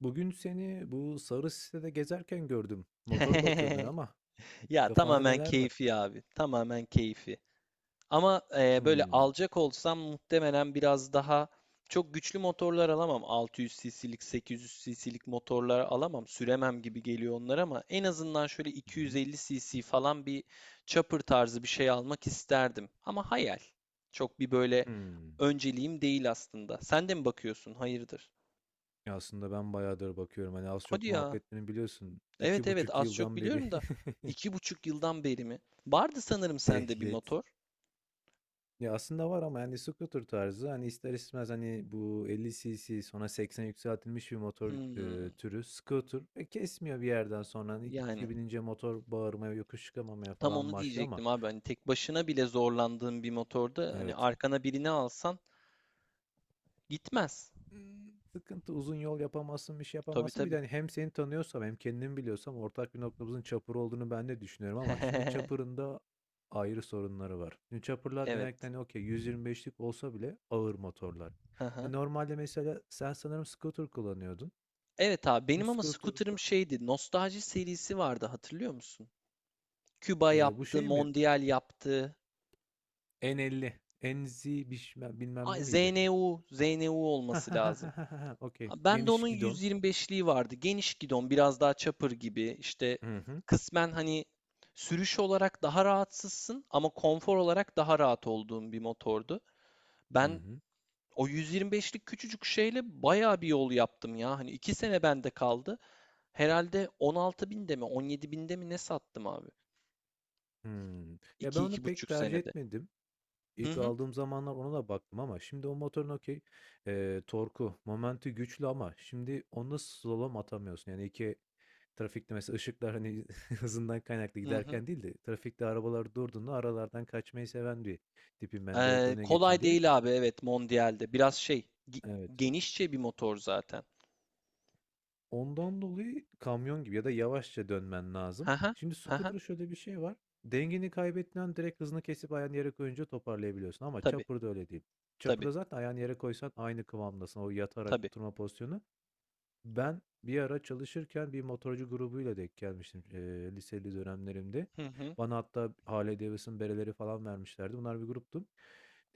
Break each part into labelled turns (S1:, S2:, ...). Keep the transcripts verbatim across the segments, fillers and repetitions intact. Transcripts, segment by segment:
S1: Bugün seni bu sarı sitede gezerken gördüm. Motor bakıyordun ama
S2: Ya
S1: kafanda
S2: tamamen
S1: neler var?
S2: keyfi abi. Tamamen keyfi. Ama e, böyle
S1: Hmm.
S2: alacak olsam muhtemelen biraz daha çok güçlü motorlar alamam. altı yüz cc'lik, sekiz yüz cc'lik motorlar alamam. Süremem gibi geliyor onlar ama en azından şöyle
S1: Hı hı.
S2: iki yüz elli cc falan bir chopper tarzı bir şey almak isterdim. Ama hayal. Çok bir böyle
S1: Hmm.
S2: önceliğim değil aslında. Sen de mi bakıyorsun? Hayırdır?
S1: Ya aslında ben bayağıdır bakıyorum. Hani az çok
S2: Hadi ya.
S1: muhabbetini biliyorsun.
S2: Evet,
S1: İki
S2: evet,
S1: buçuk
S2: az çok
S1: yıldan beri
S2: biliyorum da iki buçuk yıldan beri mi? Vardı sanırım sende bir
S1: ehliyet.
S2: motor.
S1: Ya aslında var ama yani scooter tarzı hani ister istemez hani bu elli cc sonra seksen yükseltilmiş bir motor
S2: Hmm,
S1: e, türü scooter ve kesmiyor bir yerden sonra hani
S2: yani
S1: kişi binince motor bağırmaya yokuş çıkamamaya
S2: tam
S1: falan
S2: onu
S1: başlıyor ama
S2: diyecektim abi. Hani tek başına bile zorlandığın bir motorda hani
S1: evet.
S2: arkana birini alsan gitmez.
S1: Imm. Sıkıntı, uzun yol yapamazsın, bir şey
S2: Tabii,
S1: yapamazsın. Bir
S2: tabii.
S1: de, hani, hem seni tanıyorsam hem kendimi biliyorsam ortak bir noktamızın Çapır olduğunu ben de düşünüyorum ama şimdi Çapır'ın da ayrı sorunları var. Şimdi Çapır'lar genellikle,
S2: Evet.
S1: hani, okay, yüz yirmi beşlik olsa bile ağır motorlar.
S2: Aha.
S1: Hani, normalde mesela sen sanırım scooter kullanıyordun.
S2: Evet abi
S1: Şimdi
S2: benim ama scooter'ım
S1: scooter'da,
S2: şeydi. Nostalji serisi vardı, hatırlıyor musun? Küba
S1: eee, bu
S2: yaptı,
S1: şey mi?
S2: Mondial yaptı.
S1: N elli, N Z bişme bilmem bilmem ne
S2: Ay,
S1: miydi?
S2: Z N U, Z N U
S1: Hah,
S2: olması
S1: hah, hah,
S2: lazım.
S1: hah, hah, hah, okay.
S2: Ha, ben de
S1: Geniş
S2: onun
S1: gidon.
S2: yüz yirmi beşliği vardı. Geniş gidon, biraz daha chopper gibi. İşte
S1: Hı hı.
S2: kısmen hani sürüş olarak daha rahatsızsın ama konfor olarak daha rahat olduğun bir motordu.
S1: Hı
S2: Ben
S1: hı.
S2: o yüz yirmi beşlik küçücük şeyle bayağı bir yol yaptım ya. Hani iki sene bende kaldı. Herhalde on altı binde mi on yedi binde mi ne sattım abi?
S1: Hımm. Ya, ben
S2: İki
S1: onu
S2: iki
S1: pek
S2: buçuk
S1: tercih
S2: senede.
S1: etmedim.
S2: Hı
S1: İlk
S2: hı,
S1: aldığım zamanlar ona da baktım ama şimdi o motorun okey, eee, torku, momenti güçlü ama şimdi onda slalom atamıyorsun. Yani iki trafikte mesela ışıklar hani hızından kaynaklı
S2: hı hı.
S1: giderken değil de trafikte arabalar durduğunda aralardan kaçmayı seven bir tipim ben direkt
S2: Ee,
S1: öne geçeyim
S2: kolay
S1: diye.
S2: değil abi, evet, Mondial'de. Biraz şey gi-
S1: Evet.
S2: genişçe bir motor zaten.
S1: Ondan dolayı kamyon gibi ya da yavaşça dönmen
S2: Hı
S1: lazım.
S2: hı,
S1: Şimdi
S2: hı hı.
S1: scooter'da şöyle bir şey var. Dengeni kaybettiğin an direkt hızını kesip ayağını yere koyunca toparlayabiliyorsun ama
S2: Tabii.
S1: chopper'da öyle değil.
S2: Tabii,
S1: Chopper'da zaten ayağını yere koysan aynı kıvamdasın. O yatarak
S2: tabii.
S1: oturma pozisyonu. Ben bir ara çalışırken bir motorcu grubuyla denk gelmiştim, eee, liseli dönemlerimde.
S2: Hı hı,
S1: Bana hatta Harley Davidson bereleri falan vermişlerdi. Bunlar bir gruptu.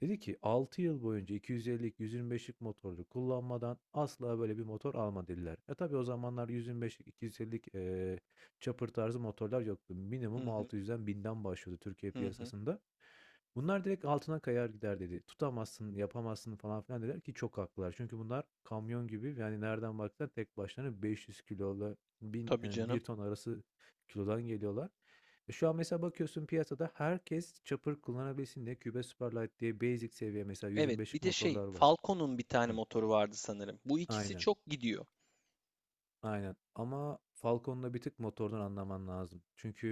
S1: Dedi ki altı yıl boyunca iki yüz ellilik, yüz yirmi beşlik motorlu kullanmadan asla böyle bir motor alma dediler. E tabii o zamanlar yüz yirmi beşlik, iki yüz ellilik eee chopper tarzı motorlar yoktu.
S2: hı
S1: Minimum
S2: hı,
S1: altı yüzden binden başlıyordu Türkiye
S2: hı hı.
S1: piyasasında. Bunlar direkt altına kayar gider dedi. Tutamazsın, yapamazsın falan filan dediler ki çok haklılar. Çünkü bunlar kamyon gibi yani nereden baksan tek başlarına beş yüz kilolu bin,
S2: Tabii
S1: e, bir
S2: canım.
S1: ton arası kilodan geliyorlar. E şu an mesela bakıyorsun piyasada herkes çapır kullanabilsin diye Cube Superlight diye basic seviye mesela
S2: Evet, bir
S1: yüz yirmi beşlik
S2: de şey,
S1: motorlar var.
S2: Falcon'un bir tane
S1: Hı,
S2: motoru vardı sanırım. Bu ikisi
S1: aynen.
S2: çok gidiyor.
S1: Aynen ama Falcon'da bir tık motordan anlaman lazım.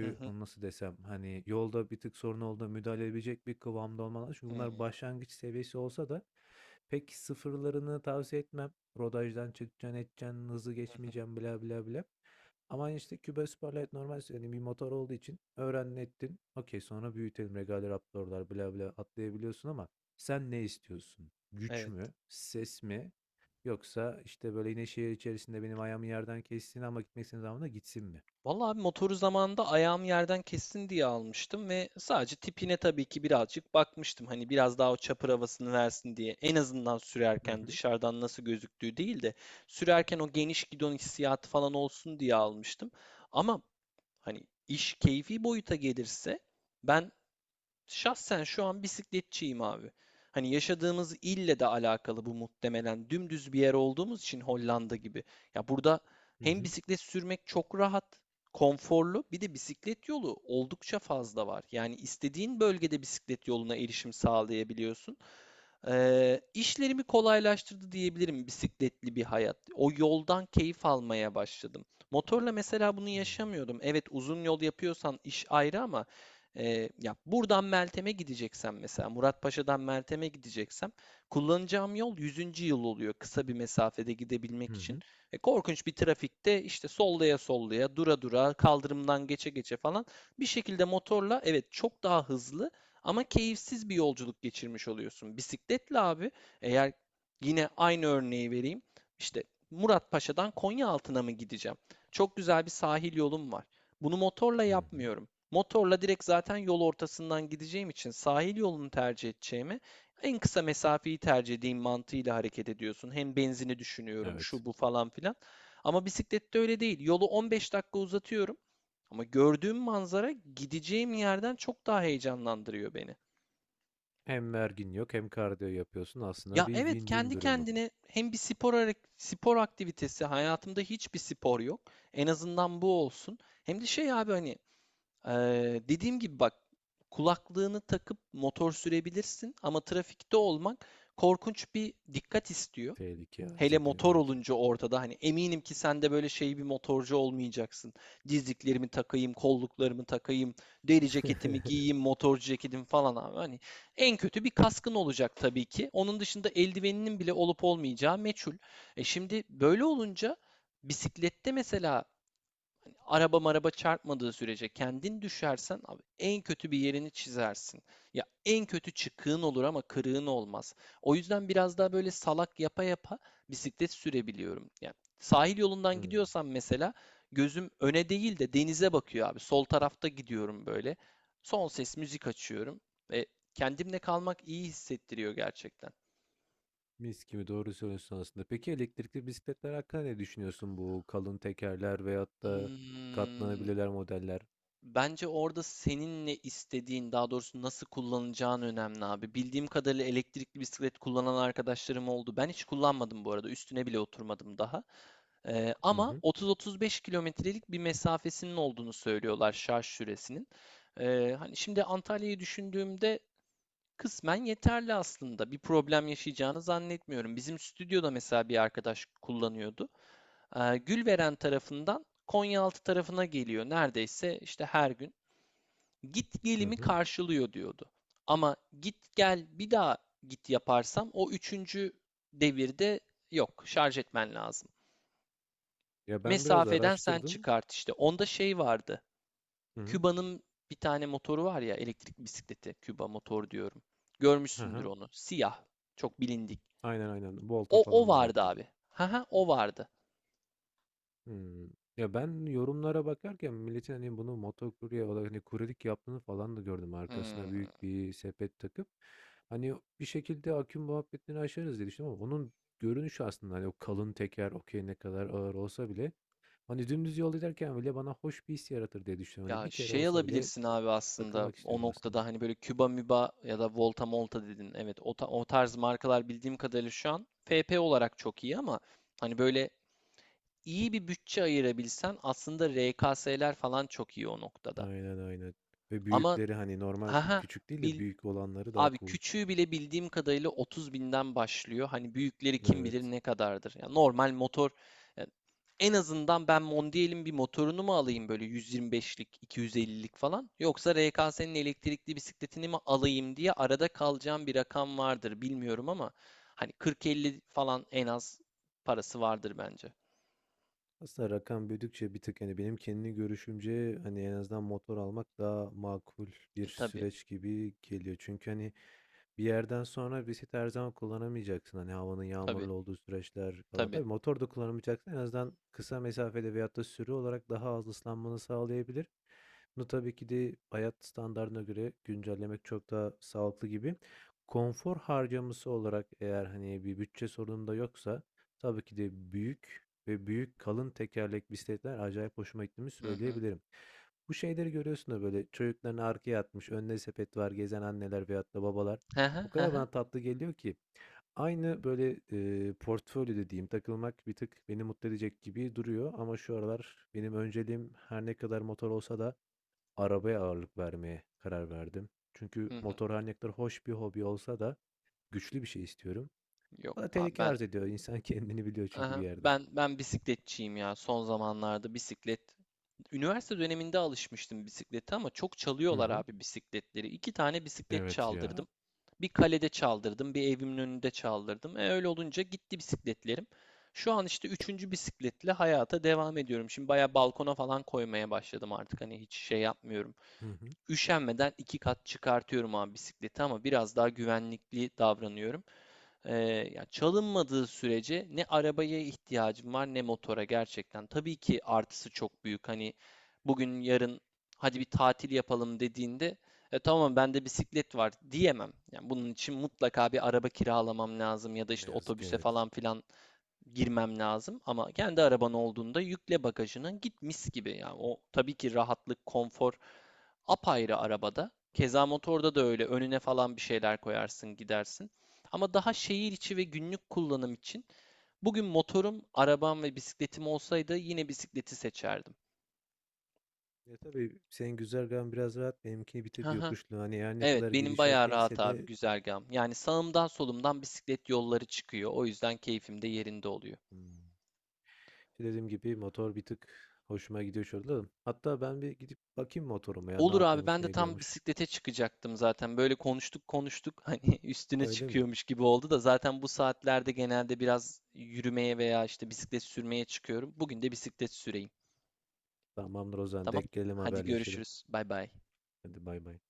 S2: Hı hı,
S1: onu nasıl desem hani yolda bir tık sorun olduğunda müdahale edebilecek bir kıvamda olman lazım. Çünkü
S2: hı hı,
S1: bunlar başlangıç seviyesi olsa da pek sıfırlarını tavsiye etmem. Rodajdan çıkacaksın edeceksin hızı
S2: hı.
S1: geçmeyeceksin bla bla bla. Ama hani, işte Cuba Superlight normal yani bir motor olduğu için öğrendin ettin. Okey sonra büyütelim Regal Raptor'lar bla bla atlayabiliyorsun ama sen ne istiyorsun? Güç
S2: Evet.
S1: mü? Ses mi? Yoksa, işte, böyle, yine şehir içerisinde benim ayağımı yerden kessin ama gitmek istediğim zaman da gitsin mi?
S2: Vallahi abi, motoru zamanında ayağım yerden kessin diye almıştım ve sadece tipine tabii ki birazcık bakmıştım. Hani biraz daha o çapır havasını versin diye. En azından
S1: Hı
S2: sürerken
S1: hı.
S2: dışarıdan nasıl gözüktüğü değil de sürerken o geniş gidon hissiyatı falan olsun diye almıştım. Ama hani iş keyfi boyuta gelirse ben şahsen şu an bisikletçiyim abi. Hani yaşadığımız ille de alakalı bu, muhtemelen. Dümdüz bir yer olduğumuz için, Hollanda gibi. Ya burada
S1: Hı
S2: hem
S1: hı.
S2: bisiklet sürmek çok rahat, konforlu, bir de bisiklet yolu oldukça fazla var. Yani istediğin bölgede bisiklet yoluna erişim sağlayabiliyorsun. Eee, işlerimi kolaylaştırdı diyebilirim, bisikletli bir hayat. O yoldan keyif almaya başladım. Motorla mesela bunu yaşamıyordum. Evet, uzun yol yapıyorsan iş ayrı ama eee, ya buradan Meltem'e gideceksem, mesela Muratpaşa'dan Meltem'e gideceksem, kullanacağım yol Yüzüncü Yıl oluyor kısa bir mesafede
S1: Hı
S2: gidebilmek için.
S1: hı.
S2: E, korkunç bir trafikte işte sollaya sollaya, dura dura, kaldırımdan geçe geçe falan bir şekilde, motorla evet çok daha hızlı ama keyifsiz bir yolculuk geçirmiş oluyorsun. Bisikletle abi, eğer, yine aynı örneği vereyim. İşte Muratpaşa'dan Konyaaltı'na mı gideceğim? Çok güzel bir sahil yolum var. Bunu motorla
S1: Hı hı.
S2: yapmıyorum. Motorla direkt zaten yol ortasından gideceğim için, sahil yolunu tercih edeceğimi, en kısa mesafeyi tercih edeyim mantığıyla hareket ediyorsun. Hem benzini düşünüyorum,
S1: Evet.
S2: şu bu falan filan. Ama bisiklette öyle değil. Yolu on beş dakika uzatıyorum ama gördüğüm manzara gideceğim yerden çok daha heyecanlandırıyor beni.
S1: Hem vergin yok hem kardiyo yapıyorsun. Aslında
S2: Ya
S1: bir
S2: evet,
S1: win-win
S2: kendi
S1: durumu.
S2: kendine hem bir spor hare- spor aktivitesi, hayatımda hiçbir spor yok. En azından bu olsun. Hem de şey abi, hani eee, dediğim gibi bak, kulaklığını takıp motor sürebilirsin ama trafikte olmak korkunç bir dikkat istiyor.
S1: Tehlike arz
S2: Hele
S1: ediyor,
S2: motor
S1: evet.
S2: olunca ortada, hani eminim ki sen de böyle şey bir motorcu olmayacaksın. Dizliklerimi takayım, kolluklarımı takayım, deri ceketimi giyeyim, motorcu ceketim falan abi. Hani en kötü bir kaskın olacak tabii ki. Onun dışında eldiveninin bile olup olmayacağı meçhul. E şimdi böyle olunca, bisiklette mesela, araba maraba çarpmadığı sürece kendin düşersen abi, en kötü bir yerini çizersin. Ya en kötü çıkığın olur ama kırığın olmaz. O yüzden biraz daha böyle salak yapa yapa bisiklet sürebiliyorum. Yani sahil yolundan
S1: Hımm.
S2: gidiyorsam mesela, gözüm öne değil de denize bakıyor abi. Sol tarafta gidiyorum böyle. Son ses müzik açıyorum ve kendimle kalmak iyi hissettiriyor gerçekten.
S1: Mis gibi doğru söylüyorsun aslında. Peki elektrikli bisikletler hakkında ne düşünüyorsun? Bu kalın tekerler veyahut da
S2: Hmm.
S1: katlanabilirler modeller.
S2: Bence orada senin ne istediğin, daha doğrusu nasıl kullanacağın önemli abi. Bildiğim kadarıyla elektrikli bisiklet kullanan arkadaşlarım oldu. Ben hiç kullanmadım bu arada. Üstüne bile oturmadım daha. Ee,
S1: Hı
S2: ama
S1: hı.
S2: otuz otuz beş kilometrelik bir mesafesinin olduğunu söylüyorlar, şarj süresinin. Ee, hani şimdi Antalya'yı düşündüğümde kısmen yeterli aslında. Bir problem yaşayacağını zannetmiyorum. Bizim stüdyoda mesela bir arkadaş kullanıyordu. Ee, Gülveren tarafından Konyaaltı tarafına geliyor neredeyse, işte her gün git
S1: Hı
S2: gelimi
S1: hı.
S2: karşılıyor diyordu. Ama git gel bir daha git yaparsam, o üçüncü devirde yok, şarj etmen lazım.
S1: Ya, ben biraz
S2: Mesafeden sen
S1: araştırdım.
S2: çıkart işte. Onda şey vardı.
S1: Hı hı.
S2: Küba'nın bir tane motoru var ya, elektrik bisikleti. Küba motor diyorum.
S1: Hı
S2: Görmüşsündür
S1: hı.
S2: onu. Siyah. Çok bilindik.
S1: Aynen, aynen. Volta
S2: O, o
S1: falan da
S2: vardı
S1: yapıyor.
S2: abi. Haha, o vardı.
S1: Hımm. Ya, ben yorumlara bakarken milletin, hani, bunu motokurye olarak, hani, kuryelik yaptığını falan da gördüm.
S2: Hmm.
S1: Arkasına büyük bir sepet takıp, hani, bir şekilde aküm muhabbetini aşarız diye düşündüm ama onun görünüşü aslında, hani, o kalın teker, okey, ne kadar ağır olsa bile, hani, dümdüz yol giderken bile bana hoş bir his yaratır diye düşünüyorum. Hani,
S2: Ya
S1: bir kere
S2: şey
S1: olsa bile
S2: alabilirsin abi aslında
S1: takılmak
S2: o
S1: istiyorum aslında.
S2: noktada, hani böyle Küba Müba ya da Volta Molta dedin. Evet, o, ta- o tarz markalar bildiğim kadarıyla şu an F P olarak çok iyi ama hani böyle iyi bir bütçe ayırabilsen aslında R K S'ler falan çok iyi o noktada.
S1: Aynen, aynen ve
S2: Ama
S1: büyükleri, hani, normal
S2: haha,
S1: küçük değil de
S2: bildim.
S1: büyük olanları daha
S2: Abi,
S1: cool.
S2: küçüğü bile bildiğim kadarıyla otuz binden başlıyor. Hani büyükleri kim bilir
S1: Evet.
S2: ne kadardır. Ya normal motor, ya en azından ben Mondial'in bir motorunu mu alayım, böyle yüz yirmi beşlik, iki yüz ellilik falan, yoksa R K S'nin elektrikli bisikletini mi alayım diye arada kalacağım bir rakam vardır, bilmiyorum ama hani kırk elli falan en az parası vardır bence.
S1: Aslında rakam büyüdükçe bir tık hani benim kendi görüşümce hani en azından motor almak daha makul bir
S2: E tabii,
S1: süreç gibi geliyor. Çünkü hani bir yerden sonra bisiklet her zaman kullanamayacaksın. Hani havanın
S2: tabii,
S1: yağmurlu olduğu süreçler falan.
S2: tabii.
S1: Tabii motor da kullanamayacaksın. En azından kısa mesafede veyahut da sürü olarak daha az ıslanmanı sağlayabilir. Bunu tabii ki de hayat standartına göre güncellemek çok daha sağlıklı gibi. Konfor harcaması olarak eğer hani bir bütçe sorunum da yoksa tabii ki de büyük ve büyük kalın tekerlek bisikletler acayip hoşuma gittiğini
S2: Hı hı.
S1: söyleyebilirim. Bu şeyleri görüyorsun da böyle çocuklarını arkaya atmış, önüne sepet var, gezen anneler veyahut da babalar.
S2: Hı
S1: O
S2: hı, hı
S1: kadar
S2: hı,
S1: bana tatlı geliyor ki aynı böyle e, portfolyo dediğim takılmak bir tık beni mutlu edecek gibi duruyor ama şu aralar benim önceliğim her ne kadar motor olsa da arabaya ağırlık vermeye karar verdim. Çünkü
S2: hı hı.
S1: motor her ne kadar hoş bir hobi olsa da güçlü bir şey istiyorum.
S2: Yok
S1: Bana
S2: abi,
S1: tehlike
S2: ben
S1: arz ediyor. İnsan kendini biliyor çünkü bir
S2: aha,
S1: yerde.
S2: ben ben bisikletçiyim ya son zamanlarda, bisiklet. Üniversite döneminde alışmıştım bisiklete ama çok
S1: Hı
S2: çalıyorlar
S1: hı.
S2: abi bisikletleri. İki tane bisiklet
S1: Evet ya.
S2: çaldırdım. Bir kalede çaldırdım, bir evimin önünde çaldırdım. E öyle olunca gitti bisikletlerim. Şu an işte üçüncü bisikletle hayata devam ediyorum. Şimdi baya balkona falan koymaya başladım artık. Hani hiç şey yapmıyorum.
S1: Hı hı.
S2: Üşenmeden iki kat çıkartıyorum abi bisikleti ama biraz daha güvenlikli davranıyorum. Ee, ya çalınmadığı sürece ne arabaya ihtiyacım var ne motora, gerçekten. Tabii ki artısı çok büyük. Hani bugün yarın hadi bir tatil yapalım dediğinde, e, tamam bende bisiklet var diyemem. Yani bunun için mutlaka bir araba kiralamam lazım ya da
S1: Ne
S2: işte
S1: yazık ki
S2: otobüse
S1: evet.
S2: falan filan girmem lazım. Ama kendi araban olduğunda yükle bagajına, git mis gibi. Yani o tabii ki rahatlık, konfor, apayrı arabada. Keza motorda da öyle, önüne falan bir şeyler koyarsın gidersin. Ama
S1: Hı
S2: daha
S1: hı.
S2: şehir içi ve günlük kullanım için, bugün motorum, arabam ve bisikletim olsaydı yine bisikleti seçerdim.
S1: Ya tabii senin güzergahın biraz rahat, benimkini bir tık
S2: Haha.
S1: yokuşlu. Hani her ne
S2: Evet,
S1: kadar
S2: benim
S1: gidiş
S2: bayağı rahat
S1: okeyse
S2: abi
S1: de
S2: güzergahım. Yani sağımdan solumdan bisiklet yolları çıkıyor. O yüzden keyfim de yerinde oluyor.
S1: Hmm. işte dediğim gibi motor bir tık hoşuma gidiyor şurada. Hatta ben bir gidip bakayım motoruma ya ne
S2: Olur abi,
S1: yapıyormuş
S2: ben de
S1: ne
S2: tam
S1: ediyormuş.
S2: bisiklete çıkacaktım zaten. Böyle konuştuk konuştuk hani üstüne
S1: Öyle mi?
S2: çıkıyormuş gibi oldu da, zaten bu saatlerde genelde biraz yürümeye veya işte bisiklet sürmeye çıkıyorum. Bugün de bisiklet süreyim.
S1: Tamamdır o zaman
S2: Tamam.
S1: denk gelelim
S2: Hadi
S1: haberleşelim.
S2: görüşürüz. Bay bay.
S1: Hadi bay bay.